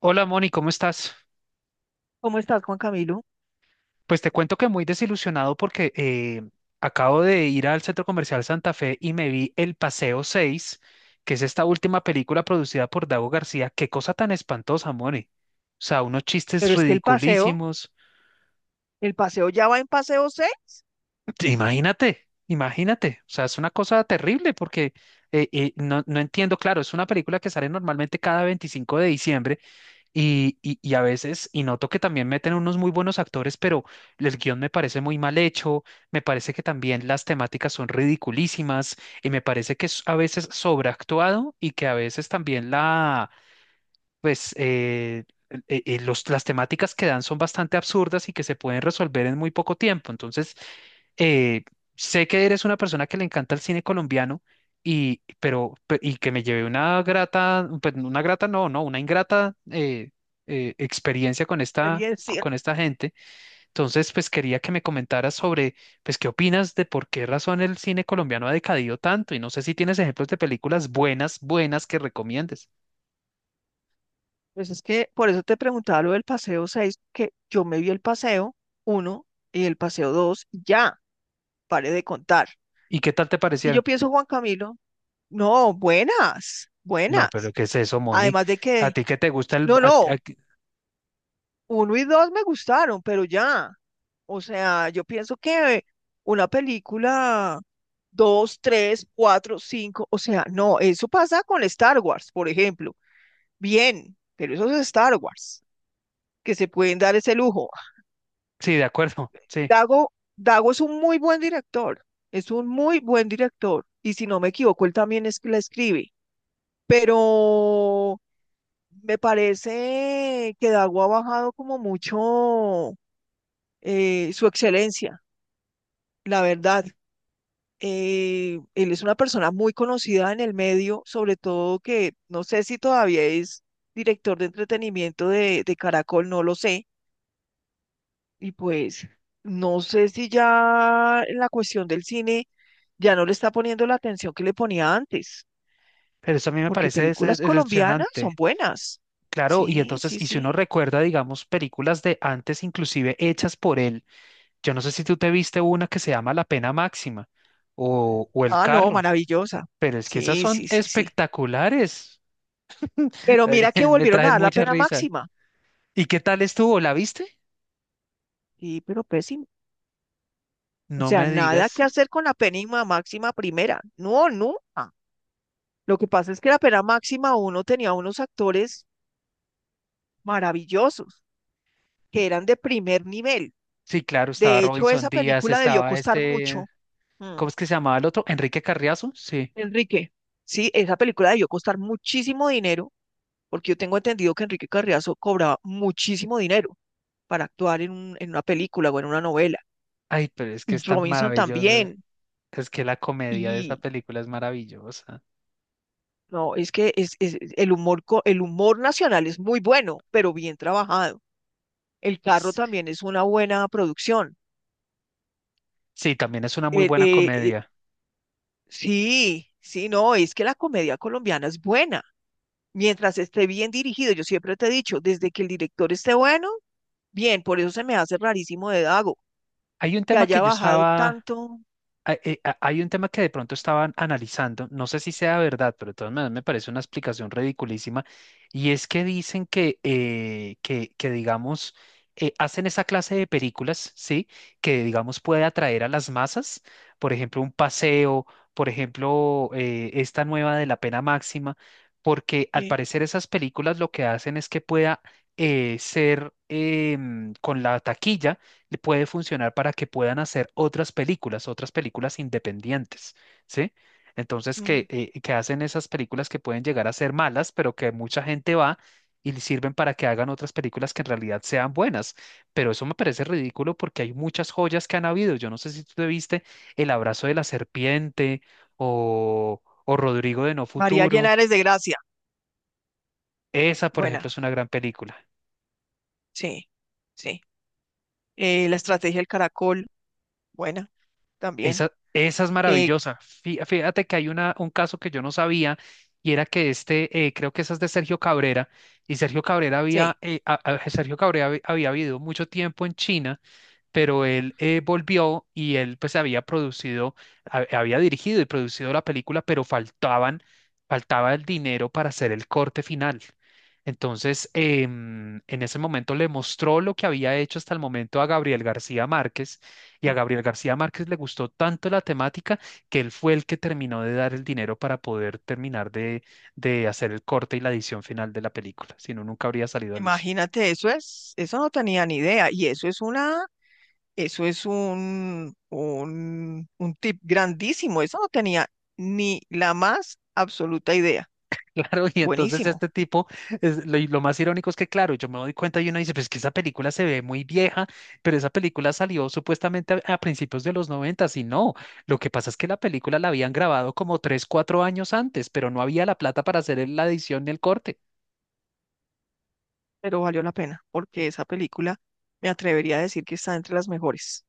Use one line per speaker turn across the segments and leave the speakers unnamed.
Hola Moni, ¿cómo estás?
¿Cómo estás, Juan Camilo?
Pues te cuento que muy desilusionado porque acabo de ir al Centro Comercial Santa Fe y me vi El Paseo seis, que es esta última película producida por Dago García. Qué cosa tan espantosa, Moni. O sea, unos chistes
Pero es que el paseo,
ridiculísimos.
el paseo ya va en paseo 6,
Imagínate, imagínate. O sea, es una cosa terrible porque no, no entiendo, claro, es una película que sale normalmente cada 25 de diciembre. Y a veces, y noto que también meten unos muy buenos actores, pero el guión me parece muy mal hecho. Me parece que también las temáticas son ridiculísimas y me parece que es a veces sobreactuado y que a veces también la, pues las temáticas que dan son bastante absurdas y que se pueden resolver en muy poco tiempo. Entonces, eh, sé que eres una persona que le encanta el cine colombiano y, pero, y que me llevé una grata, pues, una grata no, no, una ingrata, experiencia
experiencia.
con esta gente. Entonces, pues quería que me comentaras sobre, pues, qué opinas de por qué razón el cine colombiano ha decadido tanto y no sé si tienes ejemplos de películas buenas, buenas que recomiendes.
Pues es que por eso te preguntaba lo del paseo 6, que yo me vi el paseo uno y el paseo 2 ya, pare de contar.
¿Y qué tal te
Es que yo
parecieron?
pienso, Juan Camilo, no, buenas,
No, pero
buenas.
¿qué es eso, Moni?
Además de
¿A
que,
ti que te gusta el?
no, no, uno y dos me gustaron, pero ya. O sea, yo pienso que una película, dos, tres, cuatro, cinco, o sea, no, eso pasa con Star Wars, por ejemplo. Bien, pero eso es Star Wars, que se pueden dar ese lujo.
Sí, de acuerdo, sí.
Dago, Dago es un muy buen director, es un muy buen director, y si no me equivoco, él también es, la escribe, pero me parece que Dago ha bajado como mucho su excelencia. La verdad, él es una persona muy conocida en el medio, sobre todo que no sé si todavía es director de entretenimiento de Caracol, no lo sé. Y pues no sé si ya en la cuestión del cine ya no le está poniendo la atención que le ponía antes,
Pero eso a mí me
porque
parece
películas colombianas
decepcionante.
son buenas.
Claro, y
Sí,
entonces,
sí,
y si uno
sí.
recuerda, digamos, películas de antes, inclusive hechas por él, yo no sé si tú te viste una que se llama La Pena Máxima o El
Ah, no,
Carro,
maravillosa.
pero es que esas
Sí,
son
sí, sí, sí.
espectaculares.
Pero
Ay,
mira que
me
volvieron a
traen
dar la
mucha
pena
risa.
máxima.
¿Y qué tal estuvo? ¿La viste?
Sí, pero pésimo. O
No
sea,
me
nada que
digas.
hacer con la pena máxima primera. No, nunca. Lo que pasa es que la pena máxima uno tenía unos actores maravillosos que eran de primer nivel.
Sí, claro, estaba
De hecho,
Robinson
esa
Díaz,
película debió
estaba
costar
este,
mucho. Mm,
¿cómo es que se llamaba el otro? Enrique Carriazo, sí.
Enrique, sí, esa película debió costar muchísimo dinero, porque yo tengo entendido que Enrique Carriazo cobraba muchísimo dinero para actuar en una película o en una novela.
Ay, pero es que
Y
es tan
Robinson
maravillosa.
también.
Es que la comedia de esa
Y
película es maravillosa.
no, es que el humor, el humor nacional es muy bueno, pero bien trabajado. El carro también es una buena producción.
Sí, también es una muy
Eh,
buena
eh, eh,
comedia.
sí, sí, no, es que la comedia colombiana es buena. Mientras esté bien dirigido, yo siempre te he dicho, desde que el director esté bueno, bien, por eso se me hace rarísimo de Dago,
Hay un
que
tema que
haya
yo
bajado
estaba.
tanto.
Hay un tema que de pronto estaban analizando, no sé si sea verdad, pero de todas maneras me parece una explicación ridiculísima, y es que dicen que digamos, hacen esa clase de películas, ¿sí? Que, digamos, puede atraer a las masas, por ejemplo, un paseo, por ejemplo, esta nueva de la pena máxima, porque al
Sí,
parecer esas películas lo que hacen es que pueda ser, con la taquilla, le puede funcionar para que puedan hacer otras películas independientes, ¿sí? Entonces, que,
mm.
eh, que hacen esas películas que pueden llegar a ser malas, pero que mucha gente va y le sirven para que hagan otras películas que en realidad sean buenas. Pero eso me parece ridículo porque hay muchas joyas que han habido. Yo no sé si tú te viste El abrazo de la serpiente o Rodrigo de No
María llena
Futuro.
eres de gracia,
Esa, por ejemplo,
buena,
es una gran película.
sí, sí. La estrategia del caracol, buena, también.
Esa es
Eh,
maravillosa. Fíjate que hay una, un caso que yo no sabía, y era que este, creo que esa es de Sergio Cabrera, y Sergio Cabrera
sí.
había, a- Sergio Cabrera había, había vivido mucho tiempo en China, pero él volvió y él pues había producido, había dirigido y producido la película, pero faltaban, faltaba el dinero para hacer el corte final. Entonces, en ese momento le mostró lo que había hecho hasta el momento a Gabriel García Márquez, y a Gabriel García Márquez le gustó tanto la temática, que él fue el que terminó de dar el dinero para poder terminar de hacer el corte y la edición final de la película, si no, nunca habría salido a luz.
Imagínate, eso no tenía ni idea. Y eso es una, eso es un tip grandísimo. Eso no tenía ni la más absoluta idea.
Claro, y entonces
Buenísimo,
este tipo, y lo más irónico es que, claro, yo me doy cuenta y uno dice, pues que esa película se ve muy vieja, pero esa película salió supuestamente a, principios de los noventas y no, lo que pasa es que la película la habían grabado como 3, 4 años antes, pero no había la plata para hacer la edición ni el corte.
pero valió la pena, porque esa película me atrevería a decir que está entre las mejores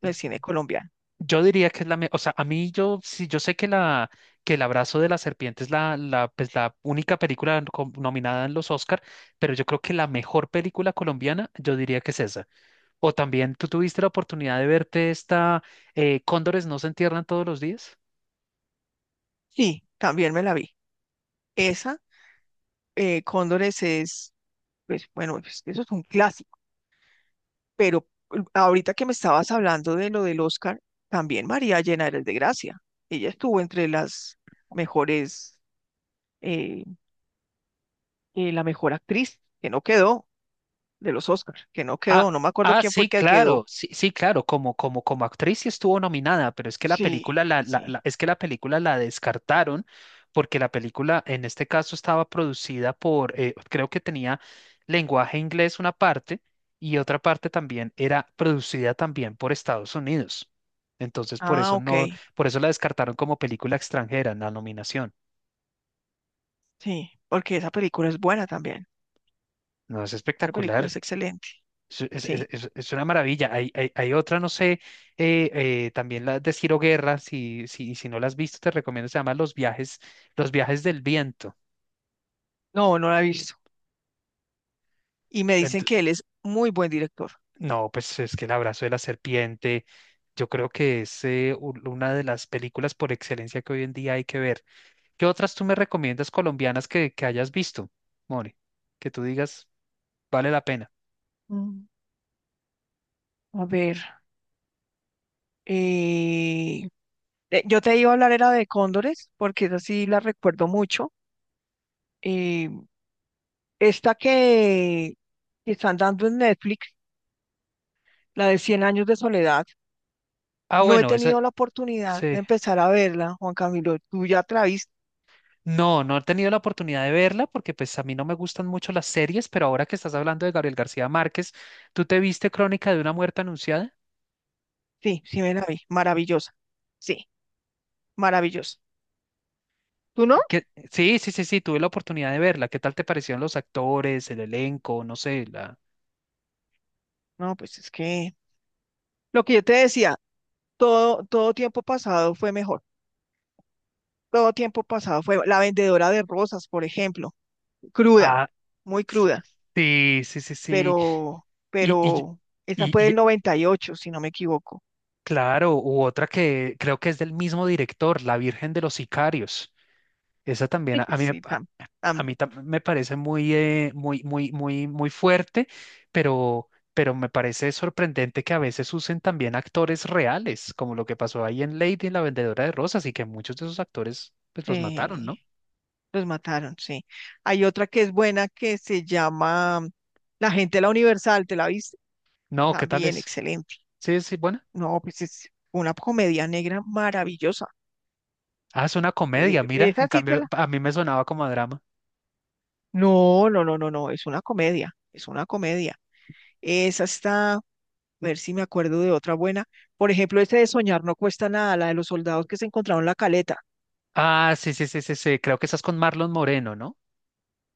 del cine colombiano.
Yo diría que es o sea, a mí yo, sí, yo sé que la, que el abrazo de la serpiente es la única película nominada en los Oscar, pero yo creo que la mejor película colombiana, yo diría que es esa. O también tú tuviste la oportunidad de verte esta, Cóndores no se entierran todos los días.
Sí, también me la vi. Esa, Cóndores es, pues bueno, pues, eso es un clásico. Pero ahorita que me estabas hablando de lo del Oscar, también María Elena eres de gracia. Ella estuvo entre las mejores, eh, la mejor actriz, que no quedó, de los Oscars, que no
Ah,
quedó, no me acuerdo
ah,
quién fue
sí,
que quedó.
claro, sí, sí, claro, como, como, como actriz sí estuvo nominada, pero es que la
Sí,
película
sí.
es que la película la descartaron porque la película en este caso estaba producida por, creo que tenía lenguaje inglés una parte y otra parte también era producida también por Estados Unidos. Entonces por
Ah,
eso
ok,
no, por eso la descartaron como película extranjera en la nominación.
sí, porque esa película es buena también.
No, es
Esa película
espectacular.
es excelente.
Es,
Sí,
es una maravilla. Hay, hay otra, no sé, también la de Ciro Guerra, si, si, si no la has visto, te recomiendo, se llama Los viajes del viento.
no, no la he visto. Y me dicen
Ent-
que él es muy buen director.
no, pues es que El abrazo de la serpiente, yo creo que es una de las películas por excelencia que hoy en día hay que ver. ¿Qué otras tú me recomiendas colombianas que hayas visto, Mori? Que tú digas, vale la pena.
Mm, A ver, eh, yo te iba a hablar era de cóndores, porque esa sí la recuerdo mucho. Eh, esta que están dando en Netflix, la de cien años de soledad,
Ah,
no he
bueno, esa,
tenido la oportunidad de
sí.
empezar a verla, Juan Camilo. ¿Tú ya te la viste?
No, no he tenido la oportunidad de verla porque pues a mí no me gustan mucho las series, pero ahora que estás hablando de Gabriel García Márquez, ¿tú te viste Crónica de una muerte anunciada?
Sí, sí me la vi. Maravillosa. Sí, maravillosa. ¿Tú no?
¿Qué- Sí, sí, sí, sí, tuve la oportunidad de verla. ¿Qué tal te parecieron los actores, el elenco, no sé, la?
No, pues es que lo que yo te decía, todo tiempo pasado fue mejor. Todo tiempo pasado fue la vendedora de rosas, por ejemplo, cruda,
Ah,
muy cruda.
sí, sí, sí, sí.
pero,
Y, y,
pero esa fue
y
del 98 si no me equivoco.
claro, u otra que creo que es del mismo director, La Virgen de los Sicarios. Esa también a, a mí, me
Sí,
pa- a
tam-
mí tam- me parece muy, muy, muy, muy, muy fuerte, pero, pero me parece sorprendente que a veces usen también actores reales, como lo que pasó ahí en Lady, la vendedora de rosas, y que muchos de esos actores pues los mataron, ¿no?
eh, los mataron, sí. Hay otra que es buena que se llama La gente de la Universal, ¿te la viste?
No, ¿qué tal
También
es?
excelente.
Sí, sí, bueno.
No, pues es una comedia negra maravillosa.
Ah, es una comedia, mira. En
Esa sí te
cambio,
la...
a mí me sonaba como a drama.
No, no, no, no, no, es una comedia, es una comedia. Esa está, a ver si me acuerdo de otra buena. Por ejemplo, esa de Soñar no cuesta nada, la de los soldados que se encontraron en la caleta.
Ah, sí, sí, sí, sí, sí. Creo que estás con Marlon Moreno, ¿no?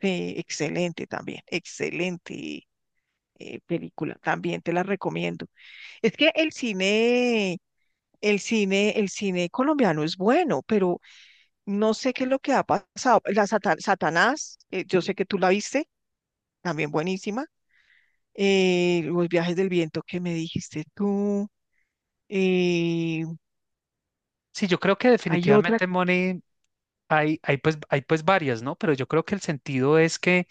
Excelente también, excelente película, también te la recomiendo. Es que el cine colombiano es bueno, pero no sé qué es lo que ha pasado. La Satanás, yo sé que tú la viste, también buenísima. Los viajes del viento que me dijiste tú. eh,
Sí, yo creo que
hay otra,
definitivamente, Money, hay pues varias, ¿no? Pero yo creo que el sentido es que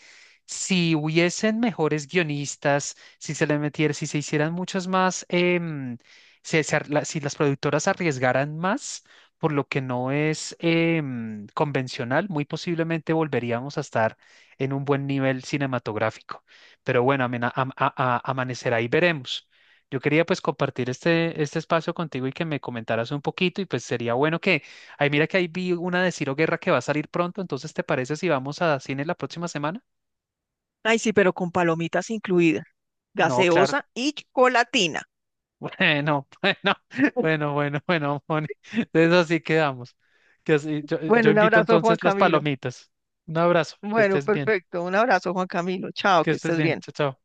si hubiesen mejores guionistas, si se le metiera, si se hicieran muchas más, si las productoras arriesgaran más, por lo que no es convencional, muy posiblemente volveríamos a estar en un buen nivel cinematográfico. Pero bueno, amanecerá y veremos. Yo quería pues compartir este, este espacio contigo y que me comentaras un poquito, y pues sería bueno. Ay, mira que ahí vi una de Ciro Guerra que va a salir pronto, entonces ¿te parece si vamos a cine la próxima semana?
ay sí, pero con palomitas incluidas,
No, claro.
gaseosa y chocolatina.
Bueno, bueno, bueno, bueno, bueno, Moni. Entonces así quedamos. Yo
Bueno, un
invito
abrazo, Juan
entonces las
Camilo.
palomitas. Un abrazo,
Bueno, perfecto. Un abrazo, Juan Camilo. Chao,
que
que
estés
estés
bien,
bien.
chao, chao.